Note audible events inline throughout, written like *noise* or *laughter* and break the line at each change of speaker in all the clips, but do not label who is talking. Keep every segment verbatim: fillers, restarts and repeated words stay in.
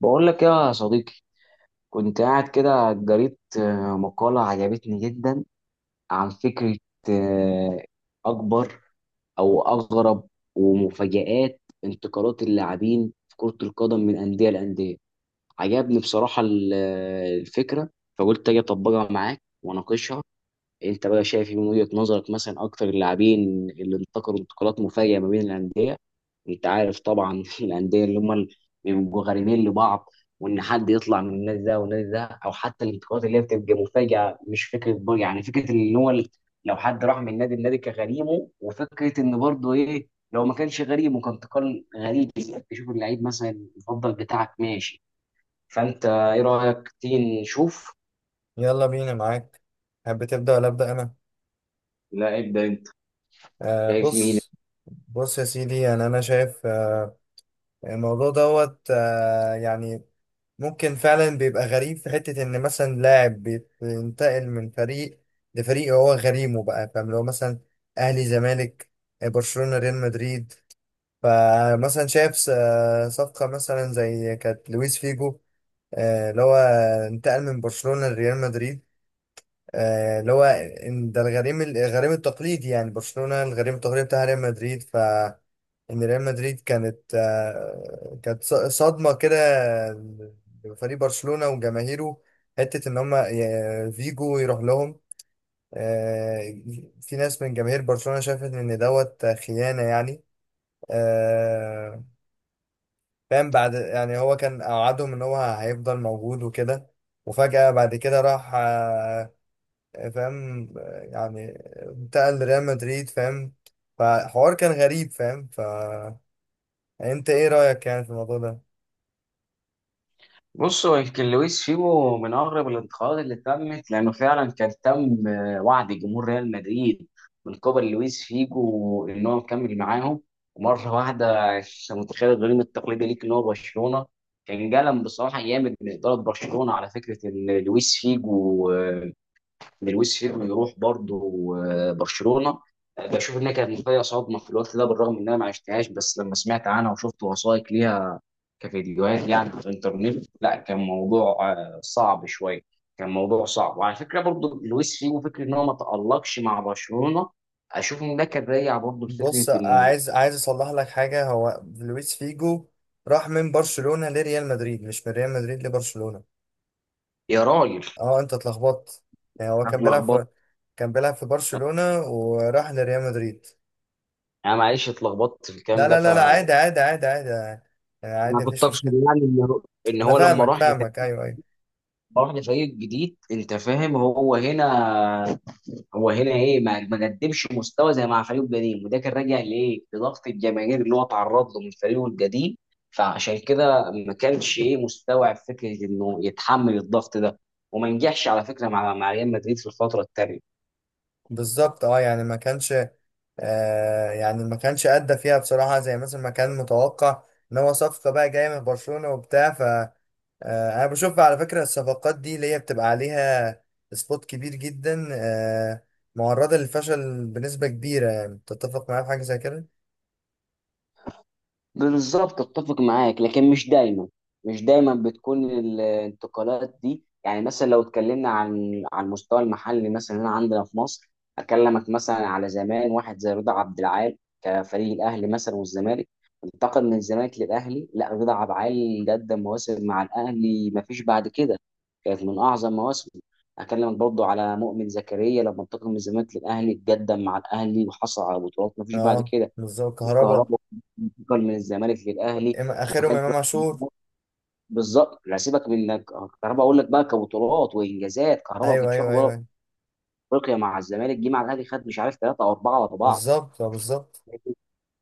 بقول لك يا صديقي. كنت قاعد كده قريت آه، مقالة عجبتني جدا عن فكرة آه، أكبر أو أغرب ومفاجآت انتقالات اللاعبين في كرة القدم من أندية لأندية. عجبني بصراحة ال- آه، الفكرة، فقلت أجي أطبقها معاك وأناقشها. انت بقى شايف من وجهة نظرك مثلا اكتر اللاعبين اللي انتقلوا انتقالات مفاجئة ما بين الأندية؟ انت عارف طبعا *laughs* الأندية اللي هم اللي بيبقوا غريمين لبعض، وان حد يطلع من النادي ده والنادي ده، او حتى الانتقالات اللي هي بتبقى مفاجئة، مش فكرة بر- يعني فكرة ان هو ال- لو حد راح من نادي النادي كغريمه، وفكرة ان برضه ايه لو ما كانش غريم وكان انتقال غريب، تشوف اللعيب مثلا المفضل بتاعك ماشي. فانت ايه رأيك تيجي نشوف؟
يلا بينا معاك. حابب تبدأ ولا أبدأ أنا؟
لا ابدأ انت.
آه،
شايف مين؟
بص. بص يا سيدي، يعني أنا شايف آه، الموضوع دوت آه يعني ممكن فعلا بيبقى غريب في حتة إن مثلا لاعب بينتقل من فريق لفريق هو غريمه، بقى فاهم؟ لو مثلا أهلي زمالك، آه، برشلونة ريال مدريد. فمثلا شايف س- آه، صفقة مثلا زي كانت لويس فيجو، آه، اللي هو انتقل من برشلونة لريال مدريد. آه، اللي هو إن ده الغريم، الغريم التقليدي يعني، برشلونة الغريم التقليدي بتاع ريال مدريد. ف ان ريال مدريد كانت آه، كانت ص- صدمة كده لفريق برشلونة وجماهيره، حتة ان هم فيجو يروح لهم. آه، في ناس من جماهير برشلونة شافت ان دوت خيانة يعني. آه، فاهم؟ بعد يعني هو كان اوعدهم ان هو هيفضل موجود وكده، وفجأة بعد كده راح. آه، فاهم؟ يعني انتقل لريال مدريد، فاهم؟ فحوار كان غريب، فاهم؟ فانت ايه رأيك يعني في الموضوع ده؟
بص، هو يمكن لويس فيجو من اغرب الانتقادات اللي تمت، لانه فعلا كان تم آه، وعد جمهور ريال مدريد من قبل لويس فيجو ان هو مكمل معاهم، ومره واحده انت متخيل الغريم التقليدي ليك ان هو برشلونه. كان جلم بصراحه جامد من اداره برشلونه على فكره ان لويس فيجو آه، ان لويس فيجو يروح برضه آه، برشلونه. آه، بشوف انها كانت فيها صدمه في الوقت ده، بالرغم ان انا ما عشتهاش، بس لما سمعت عنها وشفت وثائق ليها كفيديوهات يعني على الانترنت، لا كان موضوع آه، صعب شويه. كان موضوع صعب. وعلى فكره برضو لويس فيجو فكره ان هو ما تالقش مع برشلونه، اشوف ان ده كان راجع برضو لفكره
بص،
ان
عايز عايز اصلح لك حاجة. هو لويس فيجو راح من برشلونة لريال مدريد، مش من ريال مدريد لبرشلونة.
يا راجل،
اه، انت اتلخبطت يعني. هو
أنا
كان بيلعب
اتلخبطت.
في كان بيلعب في برشلونة وراح لريال مدريد.
انا معلش اتلخبطت في الكلام
لا
ده،
لا
ف
لا لا
انا
عادي، عادي عادي عادي يعني، عادي،
كنت
مفيش
اقصد
مشكلة.
يعني ان هو ان
انا
هو لما
فاهمك
راح
فاهمك
لف-
ايوه ايوه.
راح لفريق جديد، انت فاهم، هو هنا، هو هنا ايه، ما ما قدمش مستوى زي مع فريقه القديم، وده كان راجع لايه؟ لضغط الجماهير اللي هو اتعرض له من فريقه القديم. فعشان كده ما كانش ايه مستوعب فكره انه يتحمل الضغط ده، وما نجحش على فكره مع مع ريال مدريد في الفتره الثانيه.
بالظبط اه، يعني ما كانش، آه يعني ما كانش ادى فيها بصراحه زي مثلا ما كان متوقع، ان هو صفقه بقى جايه من برشلونه وبتاع. ف آه انا بشوف على فكره، الصفقات دي اللي هي بتبقى عليها سبوت كبير جدا، آه، معرضه للفشل بنسبه كبيره. يعني تتفق معايا في حاجه زي كده؟
بالظبط اتفق معاك، لكن مش دايما، مش دايما بتكون الانتقالات دي يعني. مثلا لو اتكلمنا عن على المستوى المحلي مثلا هنا عندنا في مصر، اكلمك مثلا على زمان واحد زي رضا عبد العال كفريق الاهلي مثلا والزمالك. انتقل من الزمالك للاهلي، لا رضا عبد العال قدم مواسم مع الاهلي ما فيش بعد كده، كانت من اعظم مواسمه. اكلمك برضو على مؤمن زكريا لما انتقل من الزمالك للاهلي، قدم مع الاهلي وحصل على بطولات ما فيش بعد
اه،
كده.
بالظبط. كهربا،
الكهرباء انتقل من الزمالك
إم-
للاهلي، ما
اخرهم
كانش
امام عاشور.
بالظبط. لا سيبك من انك، كهرباء اقول لك بقى، كبطولات وانجازات كهرباء ما
ايوه
كانش واخد
ايوه ايوه،
ولا
أيوة.
افريقيا مع الزمالك، جه مع الاهلي خد مش عارف ثلاثه او اربعه ورا بعض.
بالظبط، اه، بالظبط.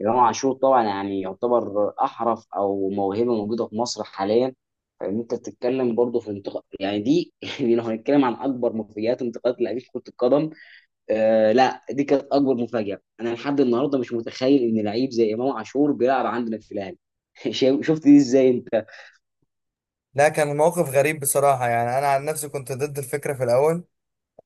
امام عاشور طبعا يعني يعتبر احرف او موهبه موجوده في مصر حاليا، فان انت بتتكلم برضه في انتقال يعني دي *laughs* لو هنتكلم عن اكبر مفاجآت انتقالات لاعبين في كره القدم، آه لا دي كانت اكبر مفاجاه. انا لحد النهارده مش متخيل ان لعيب زي امام عاشور بيلعب عندنا في الاهلي. *laughs* شا- شفت دي ازاي انت؟
لا، كان الموقف غريب بصراحه، يعني انا عن نفسي كنت ضد الفكره في الاول.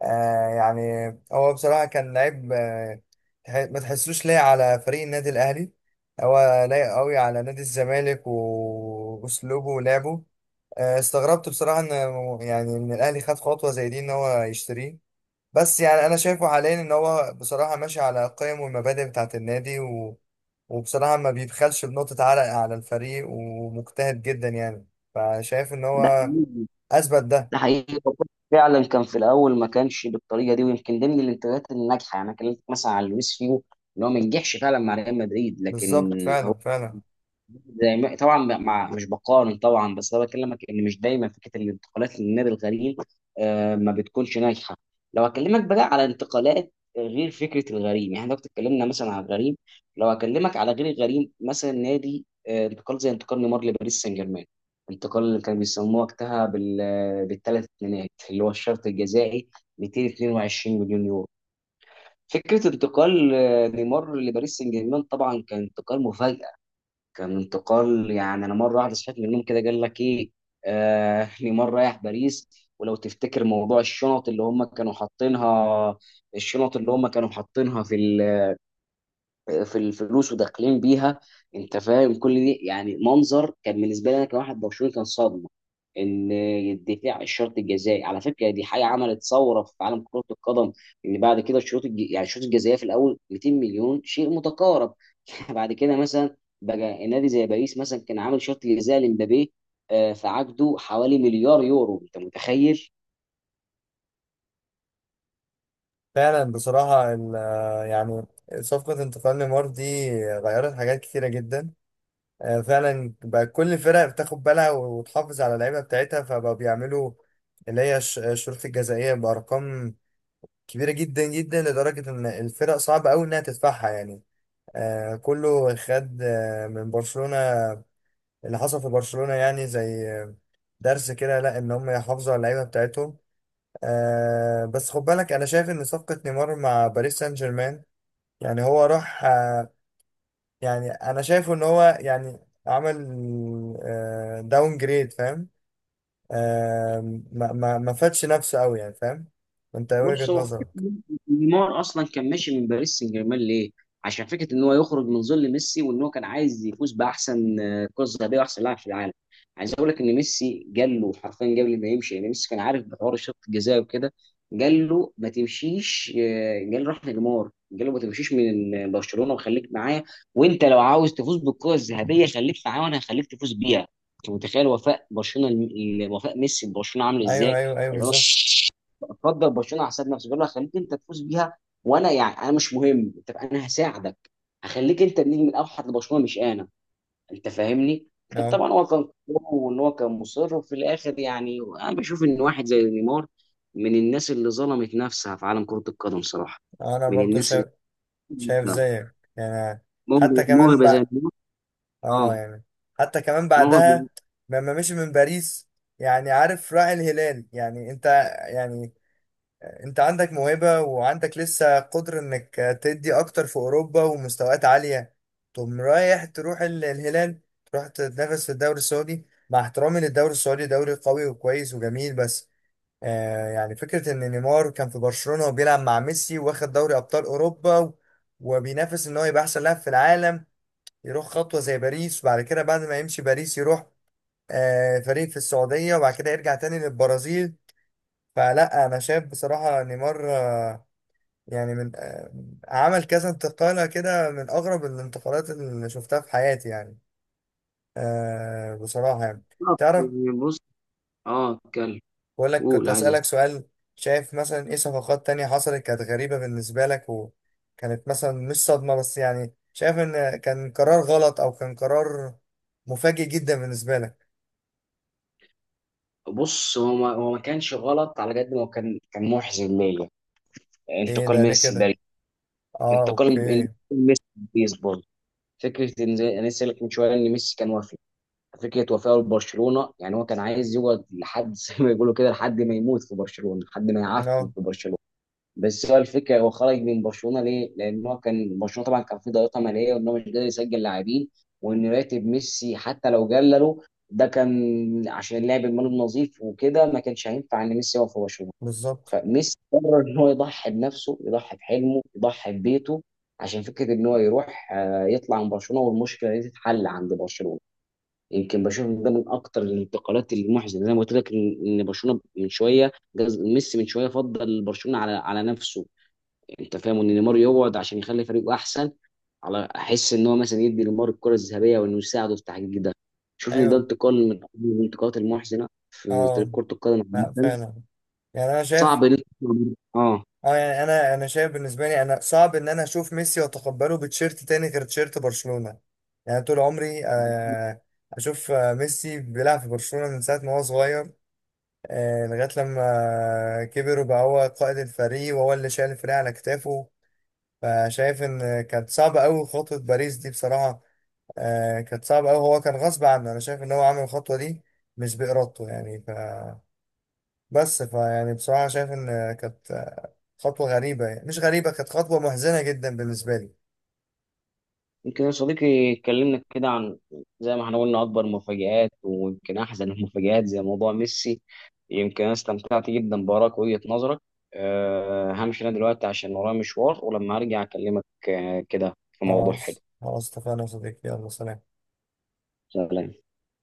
آه يعني هو بصراحة كان لعيب، آه تح- ما تحسوش لايق على فريق النادي الأهلي. هو لايق قوي على نادي الزمالك وأسلوبه ولعبه. آه، استغربت بصراحة إن، يعني إن الأهلي خد خطوة زي دي، إن هو يشتريه. بس يعني أنا شايفه حاليا إن هو بصراحة ماشي على القيم والمبادئ بتاعة النادي، و... وبصراحة ما بيبخلش بنقطة عرق على الفريق، ومجتهد جدا يعني. فشايف إن
ده
هو
حقيقي،
أثبت ده.
ده حقيقي. فعلا كان في الاول ما كانش بالطريقه دي، ويمكن ضمن الانتقادات الناجحه يعني. انا كلمتك مثلا عن لويس فيجو ان هو ما نجحش فعلا مع ريال مدريد، لكن
بالظبط، فعلا فعلا.
زي ما طبعا ب- مع مش بقارن طبعا، بس انا بكلمك ان مش دايما فكره الانتقالات للنادي الغريم آه، ما بتكونش ناجحه. لو اكلمك بقى على انتقالات آه، غير فكره الغريم، يعني احنا دلوقتي اتكلمنا مثلا على الغريم، لو اكلمك على غير الغريم، مثلا نادي آه، انتقال زي انتقال نيمار لباريس سان جيرمان. انتقال اللي كانوا بيسموه وقتها بال، بالثلاث اتنينات اللي هو الشرط الجزائي، مئتين واثنين وعشرين مليون يورو. فكره انتقال آه، نيمار لباريس سان جيرمان طبعا كان انتقال مفاجئ. كان انتقال يعني انا مره واحده صحيت من النوم كده، قال لك ايه؟ آه *laughs* نيمار رايح باريس. ولو تفتكر موضوع الشنط اللي هم كانوا حاطينها، الشنط اللي هم كانوا حاطينها في ال- في الفلوس وداخلين بيها، انت فاهم. كل دي يعني منظر كان بالنسبه لي انا كواحد برشلوني كان صدمه. ان الدفاع الشرط الجزائي على فكره دي حاجه عملت ثوره في عالم كره القدم، ان بعد كده الشروط الج... يعني الشروط الجزائيه في الاول مئتين مليون شيء متقارب. *laughs* بعد كده مثلا بقى النادي زي باريس مثلا كان عامل شرط جزائي لمبابي آه، في عقده حوالي مليار يورو، انت متخيل؟
فعلا بصراحة ال- يعني صفقة انتقال نيمار دي غيرت حاجات كتيرة جدا. آه، فعلا بقى كل الفرق بتاخد بالها وتحافظ على اللعيبة بتاعتها، فبقوا بيعملوا اللي هي الش- الشروط الجزائية بأرقام كبيرة جدا جدا، لدرجة إن الفرق صعب أوي إنها تدفعها يعني. آه، كله خد آه، من برشلونة، اللي حصل في برشلونة يعني زي آه، درس كده لا، إن هم يحافظوا على اللعيبة بتاعتهم. آه، بس خد بالك، أنا شايف إن صفقة نيمار مع باريس سان جيرمان، يعني هو راح آه، يعني انا شايفه ان هو يعني عمل داون جريد، فاهم؟ آه، ما ما ما فادش نفسه قوي يعني، فاهم؟ انت إيه وجهة
بص، هو فكرة
نظرك؟
نيمار اصلا كان ماشي من باريس سان جيرمان ليه؟ عشان فكره ان هو يخرج من ظل ميسي، وان هو كان عايز يفوز باحسن آه، كره ذهبيه واحسن لاعب في العالم. عايز اقول لك ان ميسي قال له حرفيا قبل ما يمشي، يعني ميسي كان عارف بحوار الشوط الجزائي وكده، قال له ما تمشيش آه، قال له راح نيمار، قال له ما تمشيش من برشلونه وخليك معايا، وانت لو عاوز تفوز بالكره الذهبيه خليك معايا وانا هخليك تفوز بيها. انت متخيل وفاء برشلونه، وفاء ميسي ببرشلونه عامل
ايوه
ازاي؟
ايوه ايوه،
اللي هو
بالظبط.
فضل برشلونه على حساب نفسه، قال له هخليك انت تفوز بيها، وانا يعني انا مش مهم، انت انا هساعدك، هخليك انت النجم الاوحد لبرشلونه مش انا. انت فاهمني، كان
أهو.
طبعا هو كان قوي، وان هو كان مصر. وفي الاخر يعني انا بشوف ان واحد زي نيمار من الناس اللي ظلمت نفسها في عالم كره القدم صراحه.
انا
من
برضو
الناس اللي
شايف، شايف زيك يعني.
موهبه،
حتى كمان
موهبة زي
بقى،
نيمار،
اه
اه
يعني حتى كمان
موهبه.
بعدها لما مشي من باريس، يعني عارف راعي الهلال، يعني انت، يعني انت عندك موهبة وعندك لسه قدرة انك تدي اكتر في اوروبا ومستويات عالية، تقوم رايح تروح ال- الهلال، تروح تتنافس في الدوري السعودي، مع احترامي للدوري السعودي دوري قوي وكويس وجميل، بس آه يعني فكرة ان نيمار كان في برشلونة وبيلعب مع ميسي، واخد دوري ابطال اوروبا، و- وبينافس ان هو يبقى احسن لاعب في العالم، يروح خطوة زي باريس، وبعد كده بعد ما يمشي باريس يروح آه فريق في السعودية، وبعد كده يرجع تاني للبرازيل. فلا، انا شايف بصراحة نيمار آه، يعني من آه، عمل كذا انتقالة كده، من أغرب الانتقالات اللي شفتها في حياتي يعني. آه بصراحة يعني، تعرف،
بص، اه اتكلم.
بقول لك، كنت
قول، عايز
أسألك
أسمع.
سؤال. شايف مثلا إيه صفقات تانية حصلت كانت غريبة بالنسبة لك، وكانت مثلا مش صدمة بس يعني شايف إن كان قرار غلط، أو كان قرار مفاجئ جدا بالنسبة لك؟
بص، هو ما هو ما كانش غلط على قد ما هو كان كان محزن ليا،
إيه
انتقال
ده ليه
ميسي
كده؟
لباريس.
آه
انتقال
أوكي.
ميسي لباريس برضه، فكره ان زي انا لسه قايل لك من شويه ان ميسي كان وافي. فكره وفاه لبرشلونه، يعني هو كان عايز يقعد لحد *laughs* زي ما بيقولوا كده لحد ما يموت في برشلونه، لحد ما يعفن
آه
في برشلونه. بس هو الفكره، هو خرج من برشلونه ليه؟ لان هو كان برشلونه طبعا كان في ضغيطه ماليه، وان هو مش قادر يسجل لاعبين، وان راتب ميسي حتى لو قلله ده كان عشان اللعب المالي النظيف وكده، ما كانش هينفع ان ميسي يقف في برشلونه.
بالظبط.
فميسي قرر ان هو يضحي بنفسه، يضحي بحلمه، يضحي ببيته، عشان فكره ان هو يروح آه، يطلع من برشلونه والمشكله دي تتحل عند برشلونه. يمكن بشوف إن ده من اكتر الانتقالات المحزنه، زي ما قلت لك ان إن برشلونه من شويه جاز- ميسي من شويه فضل برشلونه على على نفسه، يعني انت فاهم. ان نيمار يقعد عشان يخلي فريقه احسن، على احس ان هو مثلا يدي نيمار الكره الذهبيه وانه يساعده في تحقيق ده. شوف ان ده
أيوه.
انتقال من الانتقالات المحزنه في تاريخ
آه.
كره القدم
لا
عامه.
فعلا، يعني أنا شايف،
صعب ان أنت- اه
اه يعني انا انا شايف بالنسبه لي، انا صعب ان انا اشوف ميسي واتقبله بتشيرت تاني غير تشيرت برشلونه. يعني طول عمري آه، اشوف آه، ميسي بيلعب في برشلونه من ساعه ما هو صغير، آه، لغايه لما آه، كبر وبقى هو قائد الفريق وهو اللي شايل الفريق على كتافه. فشايف ان كانت صعبه قوي خطوه باريس دي بصراحه. آه، كانت صعبه قوي، هو كان غصب عنه، انا شايف ان هو عمل الخطوه دي مش بإرادته يعني. بس فيعني بصراحة شايف إن كانت خطوة غريبة، يعني مش غريبة، كانت خطوة محزنة جدا بالنسبة لي.
يمكن يا صديقي اتكلمنا كده عن، زي ما احنا قلنا، اكبر مفاجآت ويمكن احزن المفاجآت زي موضوع ميسي. يمكن انا استمتعت جدا بارائك وجهة نظرك. أه همشي انا دلوقتي عشان ورايا مشوار، ولما ارجع اكلمك آه، كده في موضوع حلو.
خلاص خلاص، اتفقنا يا صديقي، يلا سلام.
سلام.